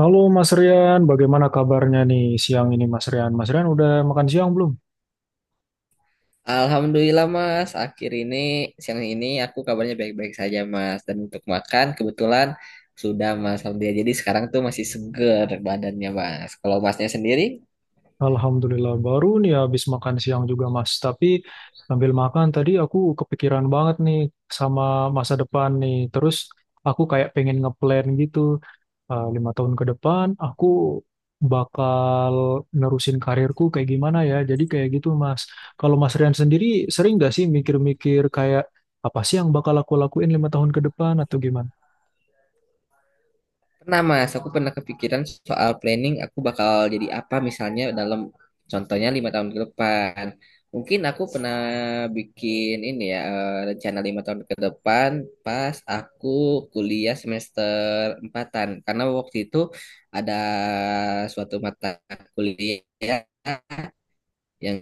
Halo Mas Rian, bagaimana kabarnya nih siang ini Mas Rian? Mas Rian udah makan siang belum? Alhamdulillah Mas, akhir ini siang ini aku kabarnya baik-baik saja Mas. Dan untuk makan kebetulan sudah Mas, alhamdulillah. Jadi sekarang tuh masih seger badannya Mas. Kalau Masnya sendiri? Alhamdulillah baru nih habis makan siang juga Mas. Tapi sambil makan tadi aku kepikiran banget nih sama masa depan nih. Terus aku kayak pengen ngeplan gitu 5 tahun ke depan aku bakal nerusin karirku kayak gimana ya. Jadi kayak gitu Mas. Kalau Mas Rian sendiri sering gak sih mikir-mikir kayak apa sih yang bakal aku lakuin 5 tahun ke depan atau gimana? Pernah mas, aku pernah kepikiran soal planning aku bakal jadi apa misalnya contohnya lima tahun ke depan. Mungkin aku pernah bikin ini ya rencana lima tahun ke depan pas aku kuliah semester empatan karena waktu itu ada suatu mata kuliah yang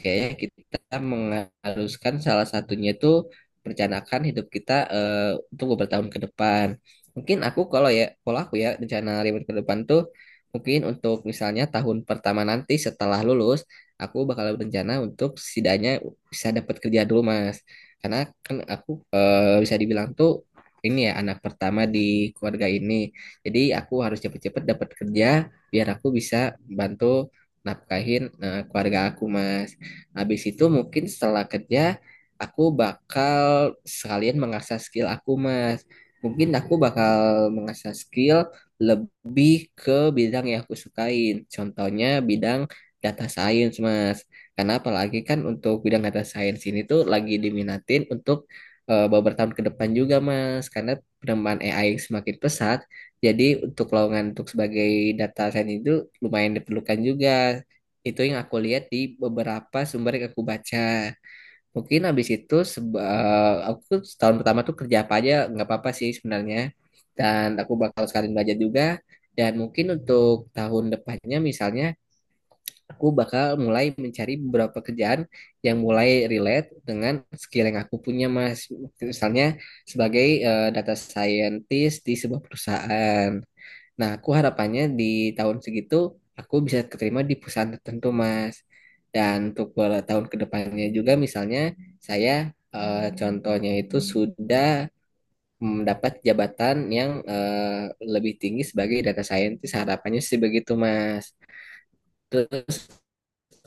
kayaknya kita mengharuskan salah satunya itu merencanakan hidup kita untuk beberapa tahun ke depan. Mungkin aku kalau aku ya rencana ribet ke depan tuh mungkin untuk misalnya tahun pertama nanti setelah lulus, aku bakal berencana untuk setidaknya bisa dapat kerja dulu, Mas. Karena kan aku bisa dibilang tuh ini ya anak pertama di keluarga ini. Jadi aku harus cepet-cepet dapat kerja biar aku bisa bantu nafkahin keluarga aku mas. Habis itu mungkin setelah kerja aku bakal sekalian mengasah skill aku mas. Mungkin aku bakal mengasah skill lebih ke bidang yang aku sukain. Contohnya bidang data science mas. Karena apalagi kan untuk bidang data science ini tuh lagi diminatin untuk beberapa tahun ke depan juga mas. Karena perkembangan AI yang semakin pesat jadi untuk lowongan untuk sebagai data scientist itu lumayan diperlukan juga. Itu yang aku lihat di beberapa sumber yang aku baca. Mungkin habis itu aku setahun pertama tuh kerja apa aja nggak apa-apa sih sebenarnya. Dan aku bakal sekalian belajar juga. Dan mungkin untuk tahun depannya misalnya aku bakal mulai mencari beberapa kerjaan yang mulai relate dengan skill yang aku punya Mas. Misalnya sebagai data scientist di sebuah perusahaan. Nah, aku harapannya di tahun segitu aku bisa keterima di perusahaan tertentu, Mas. Dan untuk beberapa tahun ke depannya juga misalnya saya contohnya itu sudah mendapat jabatan yang lebih tinggi sebagai data scientist, harapannya sih begitu, Mas. Terus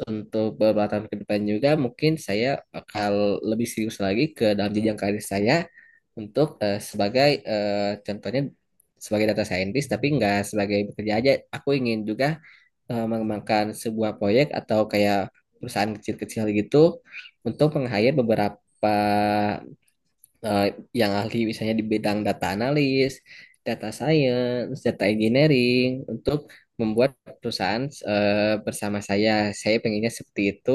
untuk beberapa tahun ke depan juga mungkin saya akan lebih serius lagi ke dalam jenjang karir saya untuk sebagai contohnya sebagai data scientist tapi nggak sebagai bekerja aja aku ingin juga mengembangkan sebuah proyek atau kayak perusahaan kecil-kecil gitu untuk meng-hire beberapa eh, yang ahli misalnya di bidang data analis, data science, data engineering untuk membuat perusahaan bersama saya. Saya pengennya seperti itu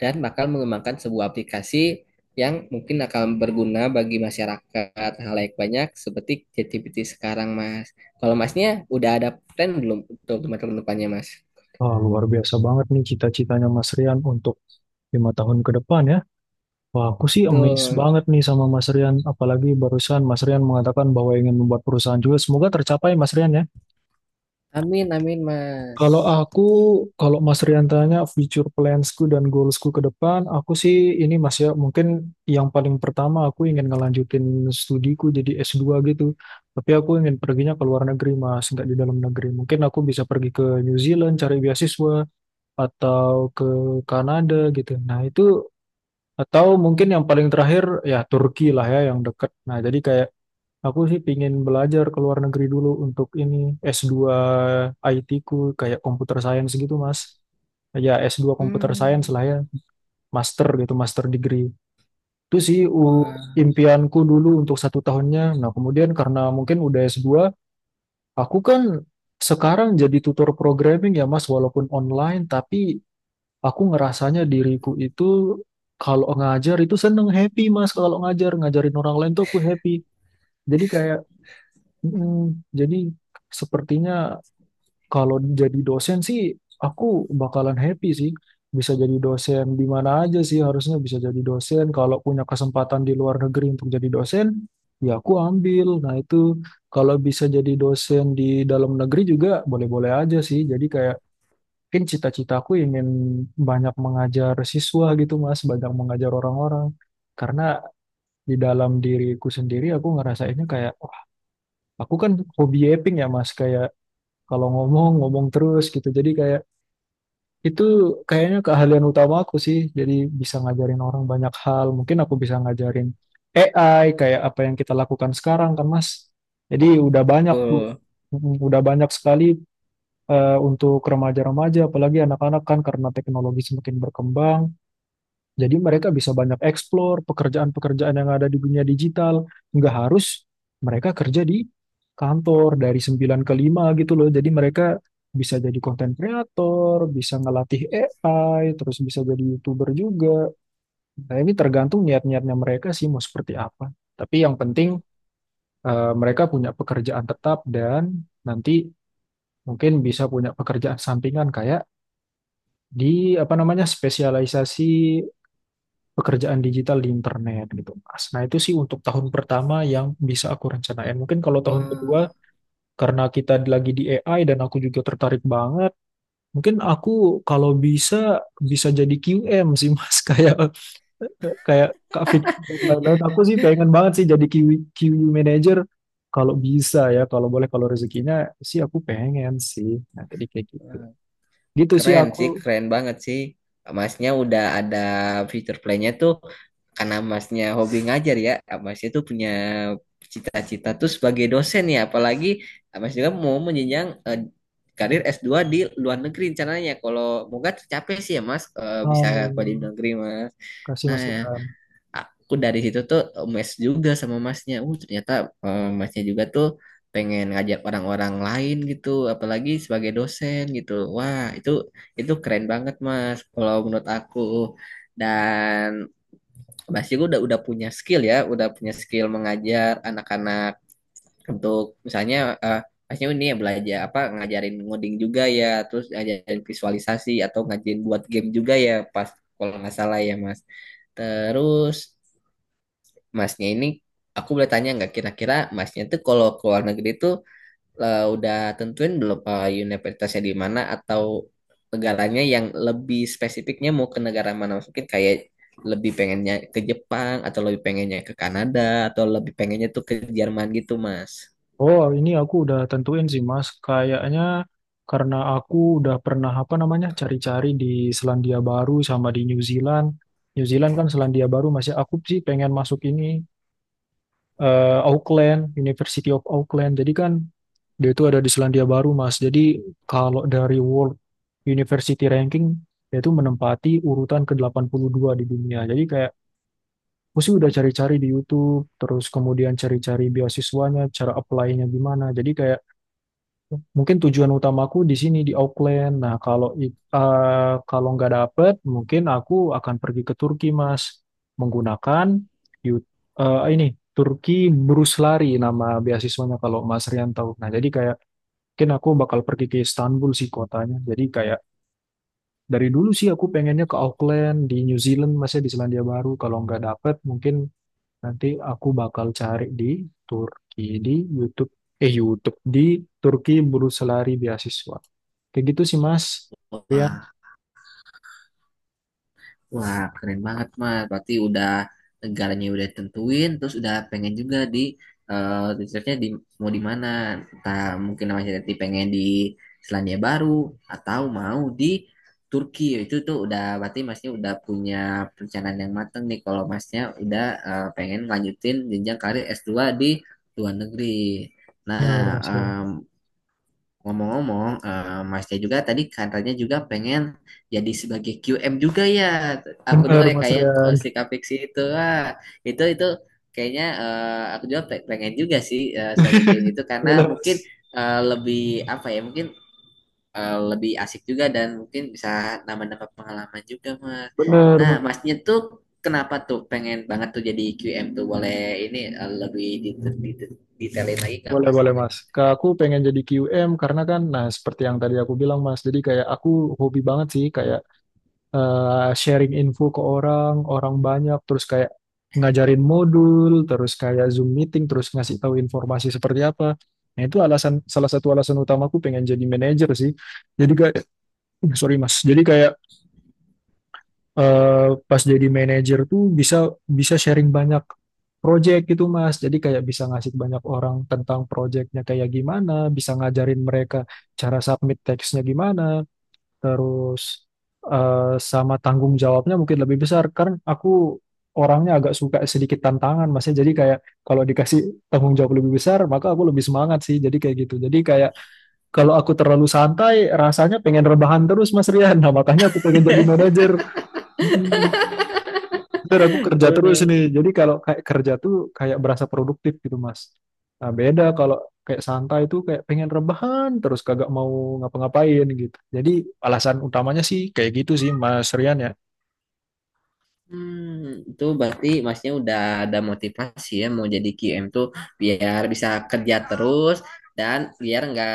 dan bakal mengembangkan sebuah aplikasi yang mungkin akan berguna bagi masyarakat halayak banyak seperti ChatGPT sekarang, Mas. Kalau Masnya udah ada plan belum untuk teman-teman depannya, Mas? Wah, luar biasa banget nih cita-citanya Mas Rian untuk 5 tahun ke depan ya. Wah, aku sih amazed Betul. banget nih sama Mas Rian. Apalagi barusan Mas Rian mengatakan bahwa ingin membuat perusahaan juga. Semoga tercapai Mas Rian ya. Amin, amin, Kalau Mas. aku, kalau Mas Rian tanya future plansku dan goalsku ke depan, aku sih ini Mas ya, mungkin yang paling pertama aku ingin ngelanjutin studiku jadi S2 gitu. Tapi aku ingin perginya ke luar negeri Mas, nggak di dalam negeri. Mungkin aku bisa pergi ke New Zealand cari beasiswa atau ke Kanada gitu. Nah, itu atau mungkin yang paling terakhir ya Turki lah ya yang deket. Nah, jadi kayak aku sih pingin belajar ke luar negeri dulu untuk ini S2 IT ku kayak computer science gitu, Mas. Ya S2 computer science lah Hmm. ya, master gitu, master degree. Itu sih Wah, impianku dulu untuk satu tahunnya. Nah, kemudian karena mungkin udah S2, aku kan sekarang jadi tutor programming ya Mas, walaupun online, tapi aku ngerasanya diriku itu kalau ngajar itu seneng happy Mas, kalau ngajar ngajarin orang lain tuh aku happy. Jadi kayak mm, jadi sepertinya kalau jadi dosen sih aku bakalan happy sih, bisa jadi dosen di mana aja sih, harusnya bisa jadi dosen. Kalau punya kesempatan di luar negeri untuk jadi dosen, ya aku ambil. Nah itu, kalau bisa jadi dosen di dalam negeri juga boleh-boleh aja sih. Jadi kayak mungkin cita-citaku ingin banyak mengajar siswa gitu Mas, banyak mengajar orang-orang. Karena di dalam diriku sendiri aku ngerasainnya kayak, wah, aku kan hobi yaping ya Mas, kayak kalau ngomong, ngomong terus gitu. Jadi kayak itu kayaknya keahlian utama aku sih. Jadi bisa ngajarin orang banyak hal. Mungkin aku bisa ngajarin AI kayak apa yang kita lakukan sekarang kan Mas. Jadi udah banyak tuh. betul. Udah banyak sekali untuk remaja-remaja, apalagi anak-anak kan karena teknologi semakin berkembang, jadi mereka bisa banyak eksplor pekerjaan-pekerjaan yang ada di dunia digital. Nggak harus mereka kerja di kantor dari 9 ke 5 gitu loh. Jadi mereka bisa jadi konten kreator, bisa ngelatih AI, terus bisa jadi YouTuber juga. Nah, ini tergantung niat-niatnya mereka sih mau seperti apa. Tapi yang penting mereka punya pekerjaan tetap dan nanti mungkin bisa punya pekerjaan sampingan kayak di apa namanya spesialisasi pekerjaan digital di internet gitu Mas. Nah itu sih untuk tahun pertama yang bisa aku rencanain. Mungkin kalau tahun Wah. kedua karena kita lagi di AI dan aku juga tertarik banget, mungkin aku kalau bisa bisa jadi QM sih Mas kayak kayak Kak Vicky dan lain-lain. Aku sih pengen banget sih jadi QU manager kalau bisa ya, kalau boleh kalau rezekinya sih aku pengen sih. Nah, jadi kayak gitu. Wah, Gitu sih keren sih, aku. keren banget sih. Masnya udah ada fitur playnya tuh karena masnya hobi ngajar ya. Masnya tuh punya cita-cita tuh sebagai dosen ya. Apalagi mas juga mau menjenjang karir s dua di luar negeri rencananya. Kalau moga tercapai sih ya mas bisa kuliah di Amin. negeri mas. Kasih Nah, Mas Ilham. aku dari situ tuh mes juga sama masnya ternyata masnya juga tuh pengen ngajak orang-orang lain gitu apalagi sebagai dosen gitu wah itu keren banget mas kalau menurut aku dan mas juga udah punya skill ya udah punya skill mengajar anak-anak untuk misalnya eh, masnya ini ya belajar apa ngajarin ngoding juga ya terus ngajarin visualisasi atau ngajarin buat game juga ya pas kalau nggak salah ya mas. Terus masnya ini aku boleh tanya nggak kira-kira masnya tuh kalau ke luar negeri tuh udah tentuin belum universitasnya di mana atau negaranya yang lebih spesifiknya mau ke negara mana mungkin kayak lebih pengennya ke Jepang atau lebih pengennya ke Kanada atau lebih pengennya tuh ke Jerman gitu Mas. Oh, ini aku udah tentuin sih, Mas. Kayaknya karena aku udah pernah apa namanya cari-cari di Selandia Baru sama di New Zealand. New Zealand kan Selandia Baru, masih aku sih pengen masuk ini Auckland, University of Auckland. Jadi kan dia itu ada di Selandia Baru, Mas. Jadi kalau dari World University Ranking dia itu menempati urutan ke-82 di dunia. Jadi kayak aku sih udah cari-cari di YouTube, terus kemudian cari-cari beasiswanya, cara apply-nya gimana. Jadi kayak mungkin tujuan utamaku di sini di Auckland. Nah, kalau kalau nggak dapet, mungkin aku akan pergi ke Turki, Mas, menggunakan yu- ini Turki Brus Lari nama beasiswanya kalau Mas Rian tahu. Nah, jadi kayak mungkin aku bakal pergi ke Istanbul sih kotanya. Jadi kayak dari dulu sih aku pengennya ke Auckland di New Zealand, masih di Selandia Baru. Kalau nggak dapet, mungkin nanti aku bakal cari di Turki di YouTube. YouTube di Turki Brus Lari beasiswa. Kayak gitu sih Mas. Rian. Wah. Wah, keren banget, Mas. Berarti udah negaranya udah tentuin, terus udah pengen juga di researchnya di mau di mana. Entah mungkin Mas Yati pengen di Selandia Baru atau mau di Turki. Itu tuh udah berarti Masnya udah punya perencanaan yang matang nih kalau Masnya udah pengen lanjutin jenjang karir s dua di luar negeri. Nah, Benar, Mas Rian. ngomong-ngomong, Masnya juga tadi katanya juga pengen jadi sebagai QM juga ya. Aku dengar Benar, ya Mas kayak Rian. si Kapiksi itu, wah, itu kayaknya aku juga pengen juga sih sebagai QM itu karena Boleh mungkin Mas. Lebih apa ya, mungkin lebih asik juga dan mungkin bisa nambah-nambah pengalaman juga, Mas. Benar, Nah, Mas. Masnya tuh kenapa tuh pengen banget tuh jadi QM tuh? Boleh ini lebih detailin lagi nggak, Boleh, Mas? boleh Mas. Ke aku pengen jadi QM karena kan, nah seperti yang tadi aku bilang Mas, jadi kayak aku hobi banget sih kayak sharing info ke orang, orang banyak, terus kayak ngajarin modul, terus kayak Zoom meeting, terus ngasih tahu informasi seperti apa. Nah itu alasan, salah satu alasan utamaku pengen jadi manajer sih. Jadi kayak, sorry Mas, jadi kayak pas jadi manajer tuh bisa bisa sharing banyak project gitu Mas. Jadi kayak bisa ngasih banyak orang tentang projectnya kayak gimana, bisa ngajarin mereka cara submit teksnya gimana, terus sama tanggung jawabnya mungkin lebih besar. Karena aku orangnya agak suka sedikit tantangan Mas, ya. Jadi kayak kalau dikasih tanggung jawab lebih besar, maka aku lebih semangat sih. Jadi kayak gitu. Jadi kayak kalau aku terlalu santai, rasanya pengen rebahan terus Mas Rian. Nah, makanya aku pengen jadi manajer. Bener, aku kerja terus Lebih nih. Jadi kalau kayak kerja tuh kayak berasa produktif gitu, Mas. Nah, beda kalau kayak santai tuh kayak pengen rebahan terus kagak mau ngapa-ngapain gitu. Jadi alasan utamanya sih kayak gitu sih, Mas Rian ya. Itu berarti masnya udah ada motivasi ya mau jadi QM tuh biar bisa kerja terus dan biar nggak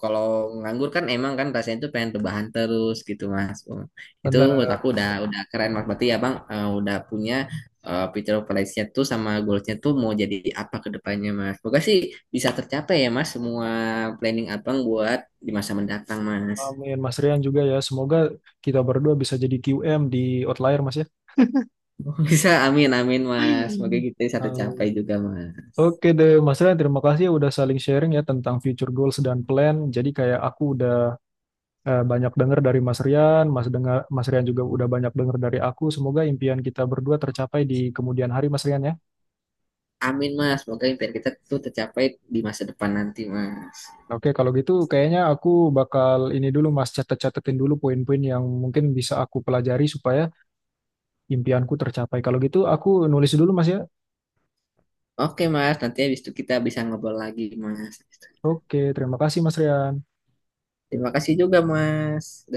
kalau nganggur kan emang kan rasanya tuh pengen perubahan terus gitu mas. Oh, itu Bener, menurut aku Mas udah Rian. udah keren mas. Berarti ya bang udah punya picture of nya tuh sama goalsnya tuh mau jadi apa ke depannya mas. Semoga sih bisa tercapai ya mas semua planning abang buat di masa mendatang mas. Amin, Mas Rian juga ya. Semoga kita berdua bisa jadi QM di Outlier, Mas ya. Bisa amin amin mas. Semoga kita bisa tercapai Um, juga mas. Oke deh, Mas Rian, terima kasih ya udah saling sharing ya tentang future goals dan plan. Jadi kayak aku banyak dengar dari Mas Rian, Mas dengar Mas Rian juga udah banyak dengar dari aku. Semoga impian kita berdua tercapai di kemudian hari, Mas Rian ya. Amin mas, semoga impian kita tuh tercapai di masa depan nanti mas. Oke, kalau gitu kayaknya aku bakal ini dulu Mas catet-catetin dulu poin-poin yang mungkin bisa aku pelajari supaya impianku tercapai. Kalau gitu aku nulis dulu Mas ya. Oke mas, nanti habis itu kita bisa ngobrol lagi mas. Oke, terima kasih Mas Rian. Terima kasih juga mas.